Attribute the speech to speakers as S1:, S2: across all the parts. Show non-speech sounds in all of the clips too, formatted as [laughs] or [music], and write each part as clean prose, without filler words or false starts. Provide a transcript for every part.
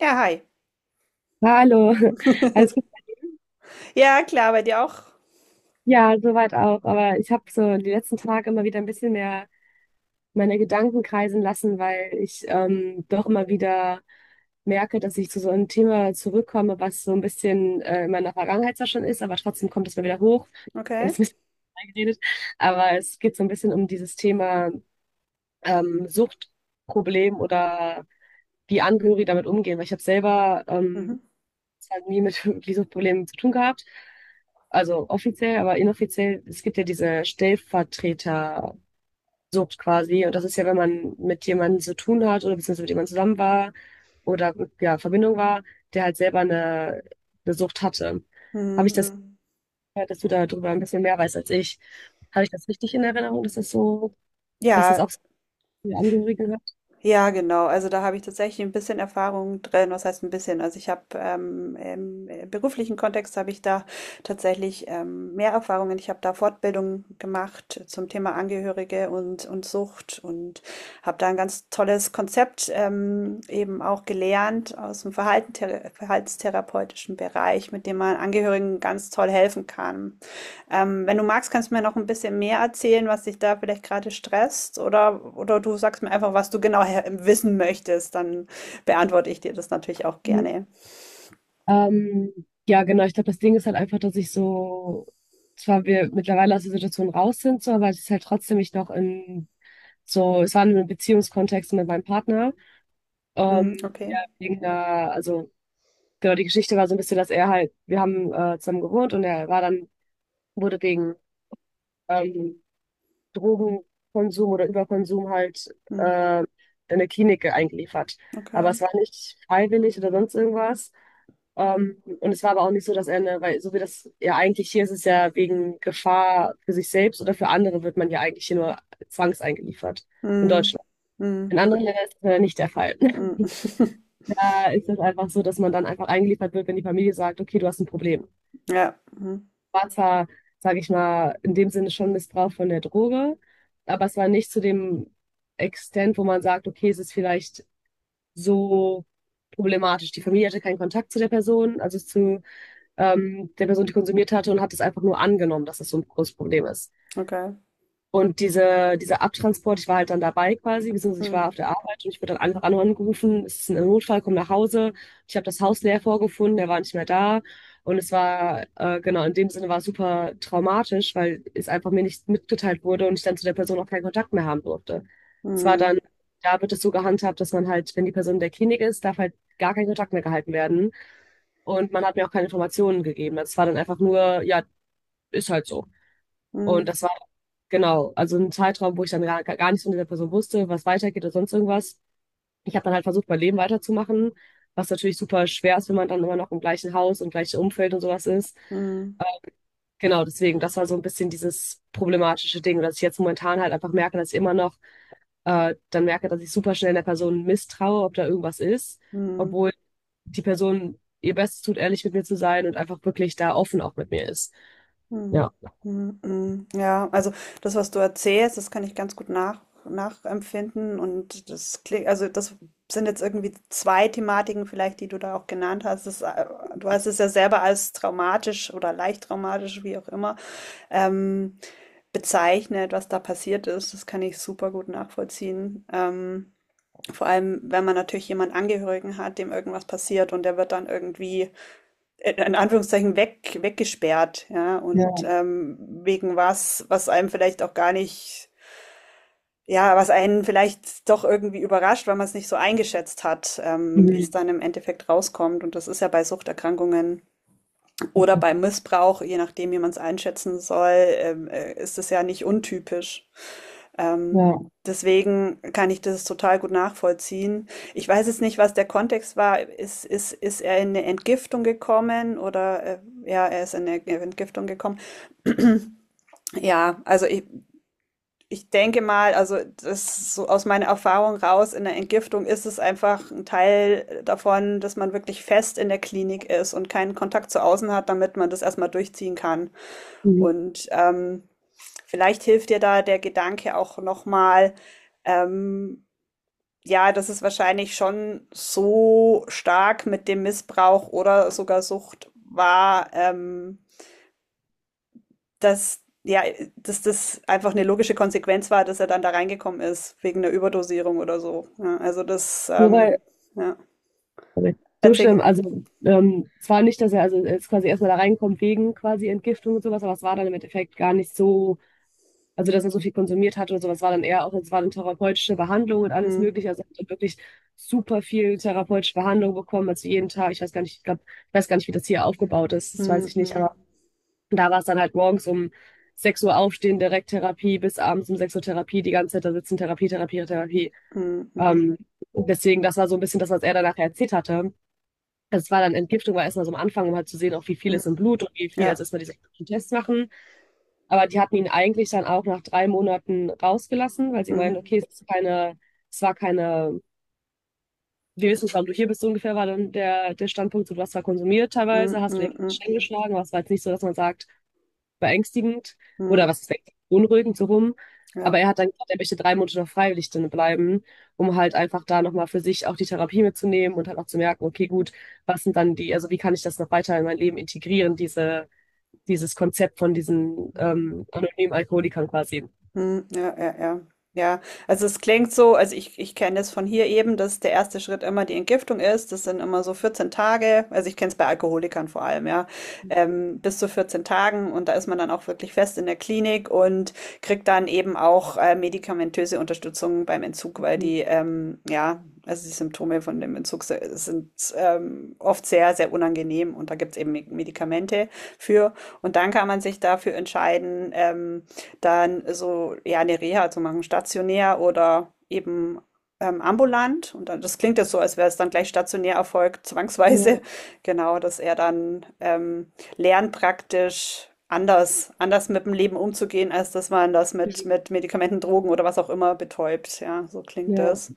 S1: Ja, hi.
S2: Ja, hallo, [laughs] alles gut?
S1: [laughs] Ja, klar, bei dir auch?
S2: Ja, soweit auch. Aber ich habe so die letzten Tage immer wieder ein bisschen mehr meine Gedanken kreisen lassen, weil ich doch immer wieder merke, dass ich zu so einem Thema zurückkomme, was so ein bisschen in meiner Vergangenheit zwar schon ist, aber trotzdem kommt es mir wieder hoch. Ich habe
S1: Okay.
S2: jetzt ein bisschen [laughs] reingeredet, aber es geht so ein bisschen um dieses Thema Suchtproblem oder wie Angehörige damit umgehen, weil ich habe selber
S1: Mhm.
S2: es hat nie mit [laughs] Visumproblemen zu tun gehabt. Also offiziell, aber inoffiziell, es gibt ja diese Stellvertretersucht quasi. Und das ist ja, wenn man mit jemandem zu tun hat oder beziehungsweise mit jemandem zusammen war oder ja, Verbindung war, der halt selber eine Sucht hatte. Habe ich das
S1: Mhm.
S2: gehört, dass du darüber ein bisschen mehr weißt als ich? Habe ich das richtig in Erinnerung, dass das so, dass das
S1: Ja,
S2: auch so viele Angehörige hat?
S1: ja, genau. Also da habe ich tatsächlich ein bisschen Erfahrung drin. Was heißt ein bisschen? Also ich habe im beruflichen Kontext habe ich da tatsächlich mehr Erfahrungen. Ich habe da Fortbildungen gemacht zum Thema Angehörige und Sucht und habe da ein ganz tolles Konzept eben auch gelernt aus dem Verhalten, verhaltenstherapeutischen Bereich, mit dem man Angehörigen ganz toll helfen kann. Wenn du magst, kannst du mir noch ein bisschen mehr erzählen, was dich da vielleicht gerade stresst, oder du sagst mir einfach, was du wissen möchtest, dann beantworte ich dir das natürlich auch gerne.
S2: Ja, genau. Ich glaube, das Ding ist halt einfach, dass ich so, zwar wir mittlerweile aus der Situation raus sind, so, aber es ist halt trotzdem ich noch in, so, es war in einem Beziehungskontext mit meinem Partner.
S1: Hm, okay.
S2: Ja, wegen einer, also, genau, die Geschichte war so ein bisschen, dass er halt, wir haben zusammen gewohnt und er war dann, wurde wegen, ähm, Drogenkonsum oder Überkonsum halt
S1: Hm,
S2: in eine Klinik eingeliefert. Aber
S1: okay.
S2: es war nicht freiwillig oder sonst irgendwas. Und es war aber auch nicht so, dass er eine, weil so wie das ja eigentlich hier ist, es ja wegen Gefahr für sich selbst oder für andere wird man ja eigentlich hier nur zwangseingeliefert in
S1: Hm,
S2: Deutschland. In
S1: hm,
S2: anderen Ländern ist das ja nicht der Fall.
S1: hm.
S2: [laughs]
S1: [laughs]
S2: Da ist es einfach so, dass man dann einfach eingeliefert wird, wenn die Familie sagt, okay, du hast ein Problem
S1: Ja. Hm,
S2: war zwar, sage ich mal, in dem Sinne schon Missbrauch von der Droge, aber es war nicht zu dem Extent, wo man sagt, okay, es ist vielleicht so problematisch. Die Familie hatte keinen Kontakt zu der Person, also zu der Person, die konsumiert hatte und hat es einfach nur angenommen, dass es so ein großes Problem ist.
S1: okay.
S2: Und dieser Abtransport, ich war halt dann dabei quasi, beziehungsweise ich
S1: Hm,
S2: war auf der Arbeit und ich wurde dann einfach angerufen, es ist ein Notfall, komm nach Hause. Ich habe das Haus leer vorgefunden, der war nicht mehr da. Und es war, genau, in dem Sinne war es super traumatisch, weil es einfach mir nicht mitgeteilt wurde und ich dann zu der Person auch keinen Kontakt mehr haben durfte. Es war
S1: hm,
S2: dann, da wird es so gehandhabt, dass man halt, wenn die Person in der Klinik ist, darf halt gar kein Kontakt mehr gehalten werden. Und man hat mir auch keine Informationen gegeben. Das war dann einfach nur, ja, ist halt so. Und
S1: hm,
S2: das war genau, also ein Zeitraum, wo ich dann gar nichts von dieser Person wusste, was weitergeht oder sonst irgendwas. Ich habe dann halt versucht, mein Leben weiterzumachen, was natürlich super schwer ist, wenn man dann immer noch im gleichen Haus und gleichen Umfeld und sowas ist.
S1: hm, hm.
S2: Ähm, Genau, deswegen, das war so ein bisschen dieses problematische Ding, dass ich jetzt momentan halt einfach merke, dass ich immer noch dann merke, dass ich super schnell der Person misstraue, ob da irgendwas ist,
S1: Hm.
S2: obwohl die Person ihr Bestes tut, ehrlich mit mir zu sein und einfach wirklich da offen auch mit mir ist.
S1: Hm,
S2: Ja.
S1: mhm, mhm. Ja, also das, was du erzählst, das kann ich ganz gut nachempfinden, und das klingt, also das sind jetzt irgendwie zwei Thematiken vielleicht, die du da auch genannt hast. Das, du hast es ja selber als traumatisch oder leicht traumatisch, wie auch immer, ähm, bezeichnet, was da passiert ist. Das kann ich super gut nachvollziehen. Vor allem, wenn man natürlich jemanden Angehörigen hat, dem irgendwas passiert und der wird dann irgendwie in Anführungszeichen weggesperrt, ja,
S2: Ja,
S1: und wegen was, was einem vielleicht auch gar nicht, ja, was einen vielleicht doch irgendwie überrascht, weil man es nicht so eingeschätzt hat, wie es
S2: mhm,
S1: dann im Endeffekt rauskommt. Und das ist ja bei Suchterkrankungen oder bei Missbrauch, je nachdem, wie man es einschätzen soll, ist es ja nicht untypisch. Ähm,
S2: ja.
S1: deswegen kann ich das total gut nachvollziehen. Ich weiß jetzt nicht, was der Kontext war. Ist er in eine Entgiftung gekommen oder ja, er ist in eine Entgiftung gekommen. Ja, ich denke mal, also das so aus meiner Erfahrung raus, in der Entgiftung ist es einfach ein Teil davon, dass man wirklich fest in der Klinik ist und keinen Kontakt zu außen hat, damit man das erstmal durchziehen kann. Und vielleicht hilft dir da der Gedanke auch nochmal, ähm, ja, das ist wahrscheinlich schon so stark mit dem Missbrauch oder sogar Sucht war, dass ja, dass das einfach eine logische Konsequenz war, dass er dann da reingekommen ist, wegen einer Überdosierung oder so. Ja, also
S2: So,
S1: ja,
S2: okay. So
S1: erzähl.
S2: schlimm. Also zwar nicht, dass er also er quasi erstmal da reinkommt wegen quasi Entgiftung und sowas, aber es war dann im Endeffekt gar nicht so, also dass er so viel konsumiert hat oder sowas, war dann eher auch, es war dann therapeutische Behandlung und alles
S1: Mm,
S2: Mögliche. Also er hat wirklich super viel therapeutische Behandlung bekommen, also jeden Tag, ich weiß gar nicht, ich glaube, ich weiß gar nicht, wie das hier aufgebaut ist, das weiß
S1: mm,
S2: ich nicht,
S1: mm,
S2: aber da war es dann halt morgens um 6 Uhr aufstehen, direkt Therapie, bis abends um 6 Uhr Therapie, die ganze Zeit da sitzen, Therapie, Therapie, Therapie.
S1: mm, mm,
S2: Ähm, deswegen, das war so ein bisschen das, was er danach erzählt hatte. Das war dann Entgiftung, war erstmal so am Anfang, um halt zu sehen, auch wie viel
S1: mm.
S2: ist im Blut und wie viel,
S1: Ja.
S2: also erstmal diese Tests machen. Aber die hatten ihn eigentlich dann auch nach 3 Monaten rausgelassen, weil sie meinen,
S1: Mhm.
S2: okay, es ist keine, es war keine, wir wissen nicht, warum du hier bist, so ungefähr war dann der Standpunkt, so, du hast zwar konsumiert
S1: Mm,
S2: teilweise, hast du dir
S1: mm, mm,
S2: Schäden geschlagen, aber es war jetzt nicht so, dass man sagt, beängstigend
S1: mm.
S2: oder was ist beängstigend, beunruhigend so rum.
S1: Ja.
S2: Aber er hat dann gesagt, er möchte 3 Monate noch freiwillig drin bleiben, um halt einfach da nochmal für sich auch die Therapie mitzunehmen und halt auch zu merken, okay, gut, was sind dann die, also wie kann ich das noch weiter in mein Leben integrieren, diese, dieses Konzept von diesen
S1: Mm.
S2: anonymen Alkoholikern quasi.
S1: Hm, ja, ja, ja. Ja, also es klingt so, also ich kenne es von hier eben, dass der erste Schritt immer die Entgiftung ist. Das sind immer so 14 Tage, also ich kenne es bei Alkoholikern vor allem, ja, bis zu 14 Tagen, und da ist man dann auch wirklich fest in der Klinik und kriegt dann eben auch medikamentöse Unterstützung beim Entzug, weil ja, also die Symptome von dem Entzug sind oft sehr, sehr unangenehm, und da gibt es eben Medikamente für. Und dann kann man sich dafür entscheiden, dann so ja eine Reha zu machen, stationär oder eben ambulant. Und dann, das klingt jetzt so, als wäre es dann gleich stationär erfolgt,
S2: Ja,
S1: zwangsweise. [laughs] Genau, dass er dann lernt praktisch anders mit dem Leben umzugehen, als dass man das mit Medikamenten, Drogen oder was auch immer betäubt. Ja, so klingt
S2: ja,
S1: das.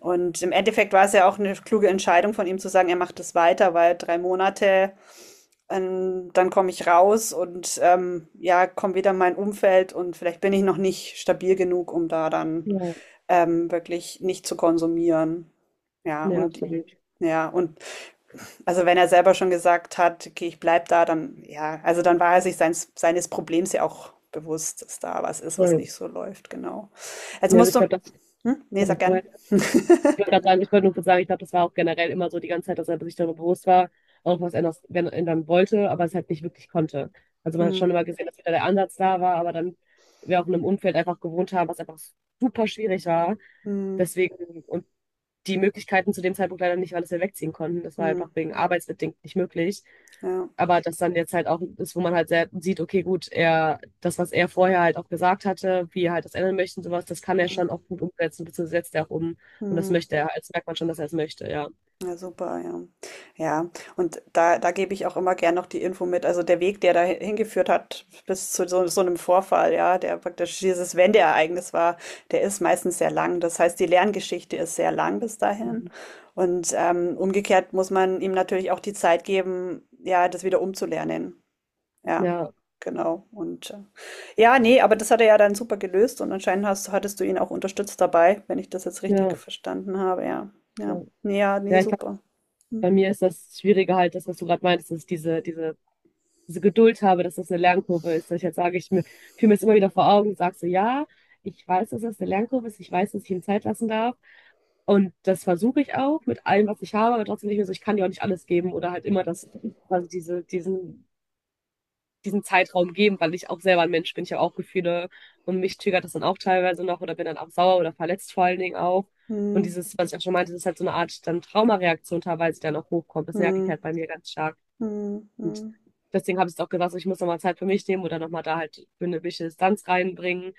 S1: Und im Endeffekt war es ja auch eine kluge Entscheidung von ihm zu sagen, er macht es weiter, weil 3 Monate dann komme ich raus und ja, komme wieder in mein Umfeld und vielleicht bin ich noch nicht stabil genug, um da dann
S2: ja,
S1: wirklich nicht zu konsumieren. Ja,
S2: ja,
S1: und
S2: absolut.
S1: ja, und also wenn er selber schon gesagt hat, okay, ich bleib da, dann ja, also dann war er sich seines Problems ja auch bewusst, dass da was ist, was
S2: Voll.
S1: nicht so läuft, genau. Also
S2: Ja, also
S1: musst
S2: ich
S1: du,
S2: glaube, das
S1: hm? Nee,
S2: habe
S1: sag
S2: ich
S1: gerne.
S2: vorher. Ich wollte gerade sagen, ich wollte nur kurz sagen, ich glaube, das war auch generell immer so die ganze Zeit, dass er sich darüber bewusst war, auch was ändern, wenn, ändern wollte, aber es halt nicht wirklich konnte. Also man hat
S1: Hm,
S2: schon immer gesehen, dass wieder der Ansatz da war, aber dann wir auch in einem Umfeld einfach gewohnt haben, was einfach super schwierig war.
S1: hm,
S2: Deswegen, und die Möglichkeiten zu dem Zeitpunkt leider nicht, weil es wir wegziehen konnten. Das war
S1: hm,
S2: einfach wegen arbeitsbedingt nicht möglich.
S1: ja.
S2: Aber das dann jetzt halt auch ist, wo man halt sehr sieht, okay, gut, er, das, was er vorher halt auch gesagt hatte, wie er halt das ändern möchte und sowas, das kann er
S1: Hm,
S2: schon auch gut umsetzen, beziehungsweise setzt er auch um. Und das
S1: hm.
S2: möchte er. Das merkt man schon, dass er es möchte, ja.
S1: Ja, super, ja. Ja, und da gebe ich auch immer gern noch die Info mit. Also der Weg, der da hingeführt hat bis zu so einem Vorfall, ja, der praktisch dieses Wendeereignis war, der ist meistens sehr lang. Das heißt, die Lerngeschichte ist sehr lang bis dahin.
S2: Mhm.
S1: Und umgekehrt muss man ihm natürlich auch die Zeit geben, ja, das wieder umzulernen. Ja,
S2: Ja,
S1: genau. Und ja, ne, aber das hat er ja dann super gelöst, und anscheinend hattest du ihn auch unterstützt dabei, wenn ich das jetzt richtig
S2: ja,
S1: verstanden habe. Ja,
S2: ja.
S1: ja, ne, ja, nee,
S2: Ja, ich glaube,
S1: super.
S2: bei
S1: Hm,
S2: mir ist das Schwierige halt, das, was du gerade meintest, dass ich diese Geduld habe, dass das eine Lernkurve ist. Dass ich jetzt sage, ich mir, fühle mir das immer wieder vor Augen und sage so, ja, ich weiß, dass das eine Lernkurve ist, ich weiß, dass ich ihm Zeit lassen darf. Und das versuche ich auch mit allem, was ich habe, aber trotzdem nicht mehr so, ich kann dir auch nicht alles geben oder halt immer das, also diesen Zeitraum geben, weil ich auch selber ein Mensch bin, ich habe auch Gefühle und mich triggert das dann auch teilweise noch oder bin dann auch sauer oder verletzt vor allen Dingen auch. Und
S1: hm,
S2: dieses, was ich auch schon meinte, das ist halt so eine Art dann Traumareaktion teilweise, die dann auch hochkommt. Das merke ich halt
S1: hm,
S2: bei mir ganz stark.
S1: hm,
S2: Und
S1: hm,
S2: deswegen habe ich es auch gesagt, so, ich muss nochmal Zeit für mich nehmen oder nochmal da halt für eine gewisse Distanz reinbringen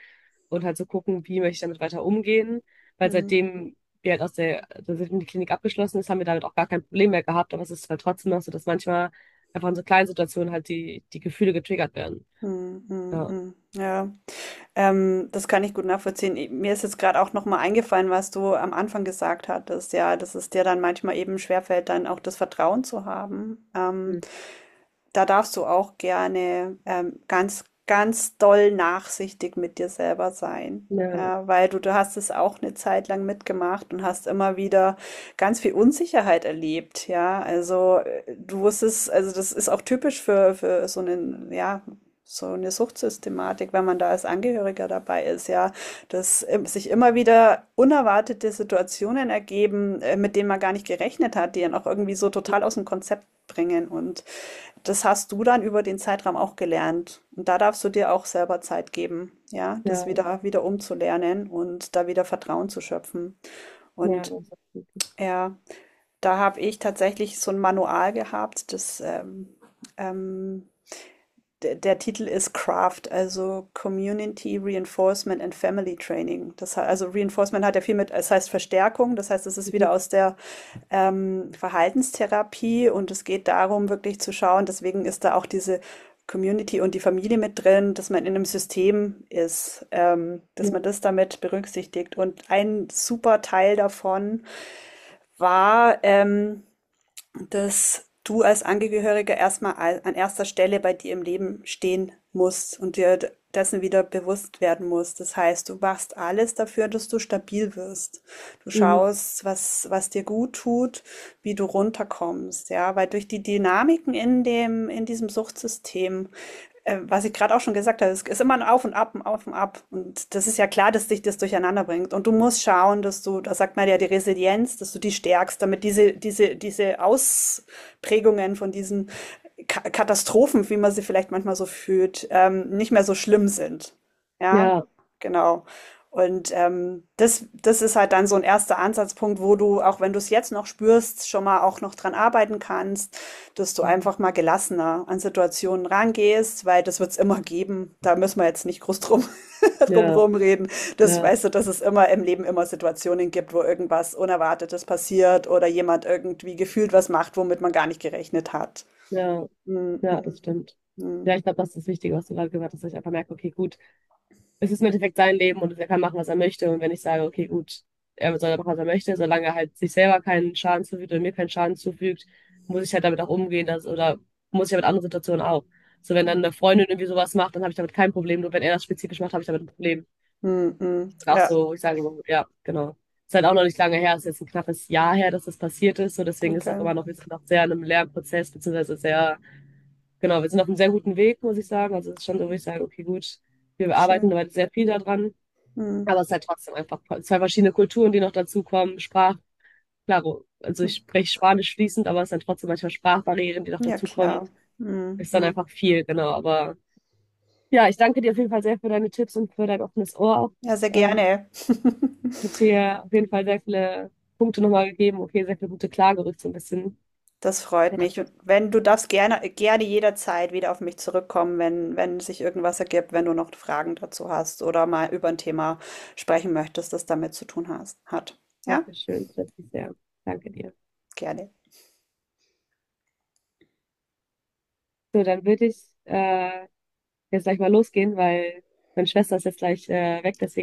S2: und halt so gucken, wie möchte ich damit weiter umgehen. Weil
S1: hm,
S2: seitdem wir halt aus der, seitdem die Klinik abgeschlossen ist, haben wir damit auch gar kein Problem mehr gehabt. Aber es ist halt trotzdem noch so, dass manchmal einfach in so kleinen Situationen halt die Gefühle getriggert werden.
S1: hm, hm,
S2: Ja.
S1: hm. Ja, das kann ich gut nachvollziehen. Ich- Mir ist jetzt gerade auch nochmal eingefallen, was du am Anfang gesagt hattest, ja, dass es dir dann manchmal eben schwerfällt, dann auch das Vertrauen zu haben.
S2: Mhm.
S1: Da darfst du auch gerne ganz, ganz doll nachsichtig mit dir selber sein.
S2: Ja,
S1: Ja, weil du hast es auch eine Zeit lang mitgemacht und hast immer wieder ganz viel Unsicherheit erlebt. Ja, also du wusstest, also das ist auch typisch für so einen, ja, so eine Suchtsystematik, wenn man da als Angehöriger dabei ist, ja, dass sich immer wieder unerwartete Situationen ergeben, mit denen man gar nicht gerechnet hat, die dann auch irgendwie so total aus dem Konzept bringen, und das hast du dann über den Zeitraum auch gelernt. Und da darfst du dir auch selber Zeit geben, ja, das
S2: ja,
S1: wieder umzulernen und da wieder Vertrauen zu schöpfen.
S2: ja,
S1: Und
S2: das ist gut.
S1: ja, da habe ich tatsächlich so ein Manual gehabt, ähm, der Titel ist Craft, also Community Reinforcement and Family Training. Also Reinforcement hat ja viel mit, es heißt Verstärkung, das heißt, es ist
S2: Mhm.
S1: wieder aus der Verhaltenstherapie, und es geht darum, wirklich zu schauen, deswegen ist da auch diese Community und die Familie mit drin, dass man in einem System ist,
S2: Ja,
S1: dass man das damit berücksichtigt. Und ein super Teil davon war, dass du als Angehöriger erstmal an erster Stelle bei dir im Leben stehen musst und dir dessen wieder bewusst werden musst. Das heißt, du machst alles dafür, dass du stabil wirst. Du
S2: mhm.
S1: schaust, was dir gut tut, wie du runterkommst, ja, weil durch die Dynamiken in in diesem Suchtsystem was ich gerade auch schon gesagt habe, es ist immer ein Auf und Ab, ein Auf und Ab. Und das ist ja klar, dass dich das durcheinander bringt. Und du musst schauen, dass du, da sagt man ja die Resilienz, dass du die stärkst, damit diese Ausprägungen von diesen Ka Katastrophen, wie man sie vielleicht manchmal so fühlt, nicht mehr so schlimm sind. Ja,
S2: Ja,
S1: genau. Und das ist halt dann so ein erster Ansatzpunkt, wo du, auch wenn du es jetzt noch spürst, schon mal auch noch dran arbeiten kannst, dass du
S2: mhm,
S1: einfach mal gelassener an Situationen rangehst, weil das wird's immer geben. Da müssen wir jetzt nicht groß drum, [laughs] drum
S2: ja,
S1: rumreden. Das
S2: ja,
S1: weißt du, dass es immer im Leben immer Situationen gibt, wo irgendwas Unerwartetes passiert oder jemand irgendwie gefühlt was macht, womit man gar nicht gerechnet hat.
S2: ja,
S1: Mhm.
S2: ja, das stimmt. Ja,
S1: Mhm.
S2: ich glaube, das ist das Wichtige, was du gerade gesagt hast, dass ich einfach merke, okay, gut, es ist im Endeffekt sein Leben und er kann machen, was er möchte. Und wenn ich sage, okay, gut, er soll machen, was er möchte, solange er halt sich selber keinen Schaden zufügt oder mir keinen Schaden zufügt, muss ich halt damit auch umgehen, dass, oder muss ich ja mit anderen Situationen auch. So, wenn dann eine Freundin irgendwie sowas macht, dann habe ich damit kein Problem. Nur wenn er das spezifisch macht, habe ich damit ein Problem.
S1: Mhm.
S2: Und auch
S1: Ja,
S2: so, wo ich sage, ja, genau. Ist halt auch noch nicht lange her, ist jetzt ein knappes Jahr her, dass das passiert ist. So, deswegen ist auch
S1: okay.
S2: immer noch, wir sind noch sehr in einem Lernprozess, beziehungsweise sehr, genau, wir sind auf einem sehr guten Weg, muss ich sagen. Also es ist schon so, wo ich sage, okay, gut, wir arbeiten
S1: Schön.
S2: heute sehr viel daran,
S1: Mhm.
S2: aber es ist halt trotzdem einfach zwei verschiedene Kulturen, die noch dazukommen. Sprach, klar, also ich spreche Spanisch fließend, aber es sind trotzdem manchmal Sprachbarrieren, die noch
S1: Ja,
S2: dazukommen.
S1: klar.
S2: Ist dann
S1: Mhm.
S2: einfach viel, genau. Aber ja, ich danke dir auf jeden Fall sehr für deine Tipps und für dein offenes Ohr auch.
S1: Ja, sehr
S2: Ähm,
S1: gerne. [laughs]
S2: hat mir auf jeden Fall sehr viele Punkte nochmal gegeben. Okay, sehr viele gute Klargerüchte so ein bisschen.
S1: Das freut
S2: Ja,
S1: mich. Und wenn du darfst gerne jederzeit wieder auf mich zurückkommen, wenn sich irgendwas ergibt, wenn du noch Fragen dazu hast oder mal über ein Thema sprechen möchtest, das damit zu tun hat. Ja,
S2: danke schön. Das ist sehr. Danke dir.
S1: gerne.
S2: So, dann würde ich jetzt gleich mal losgehen, weil meine Schwester ist jetzt gleich weg, deswegen.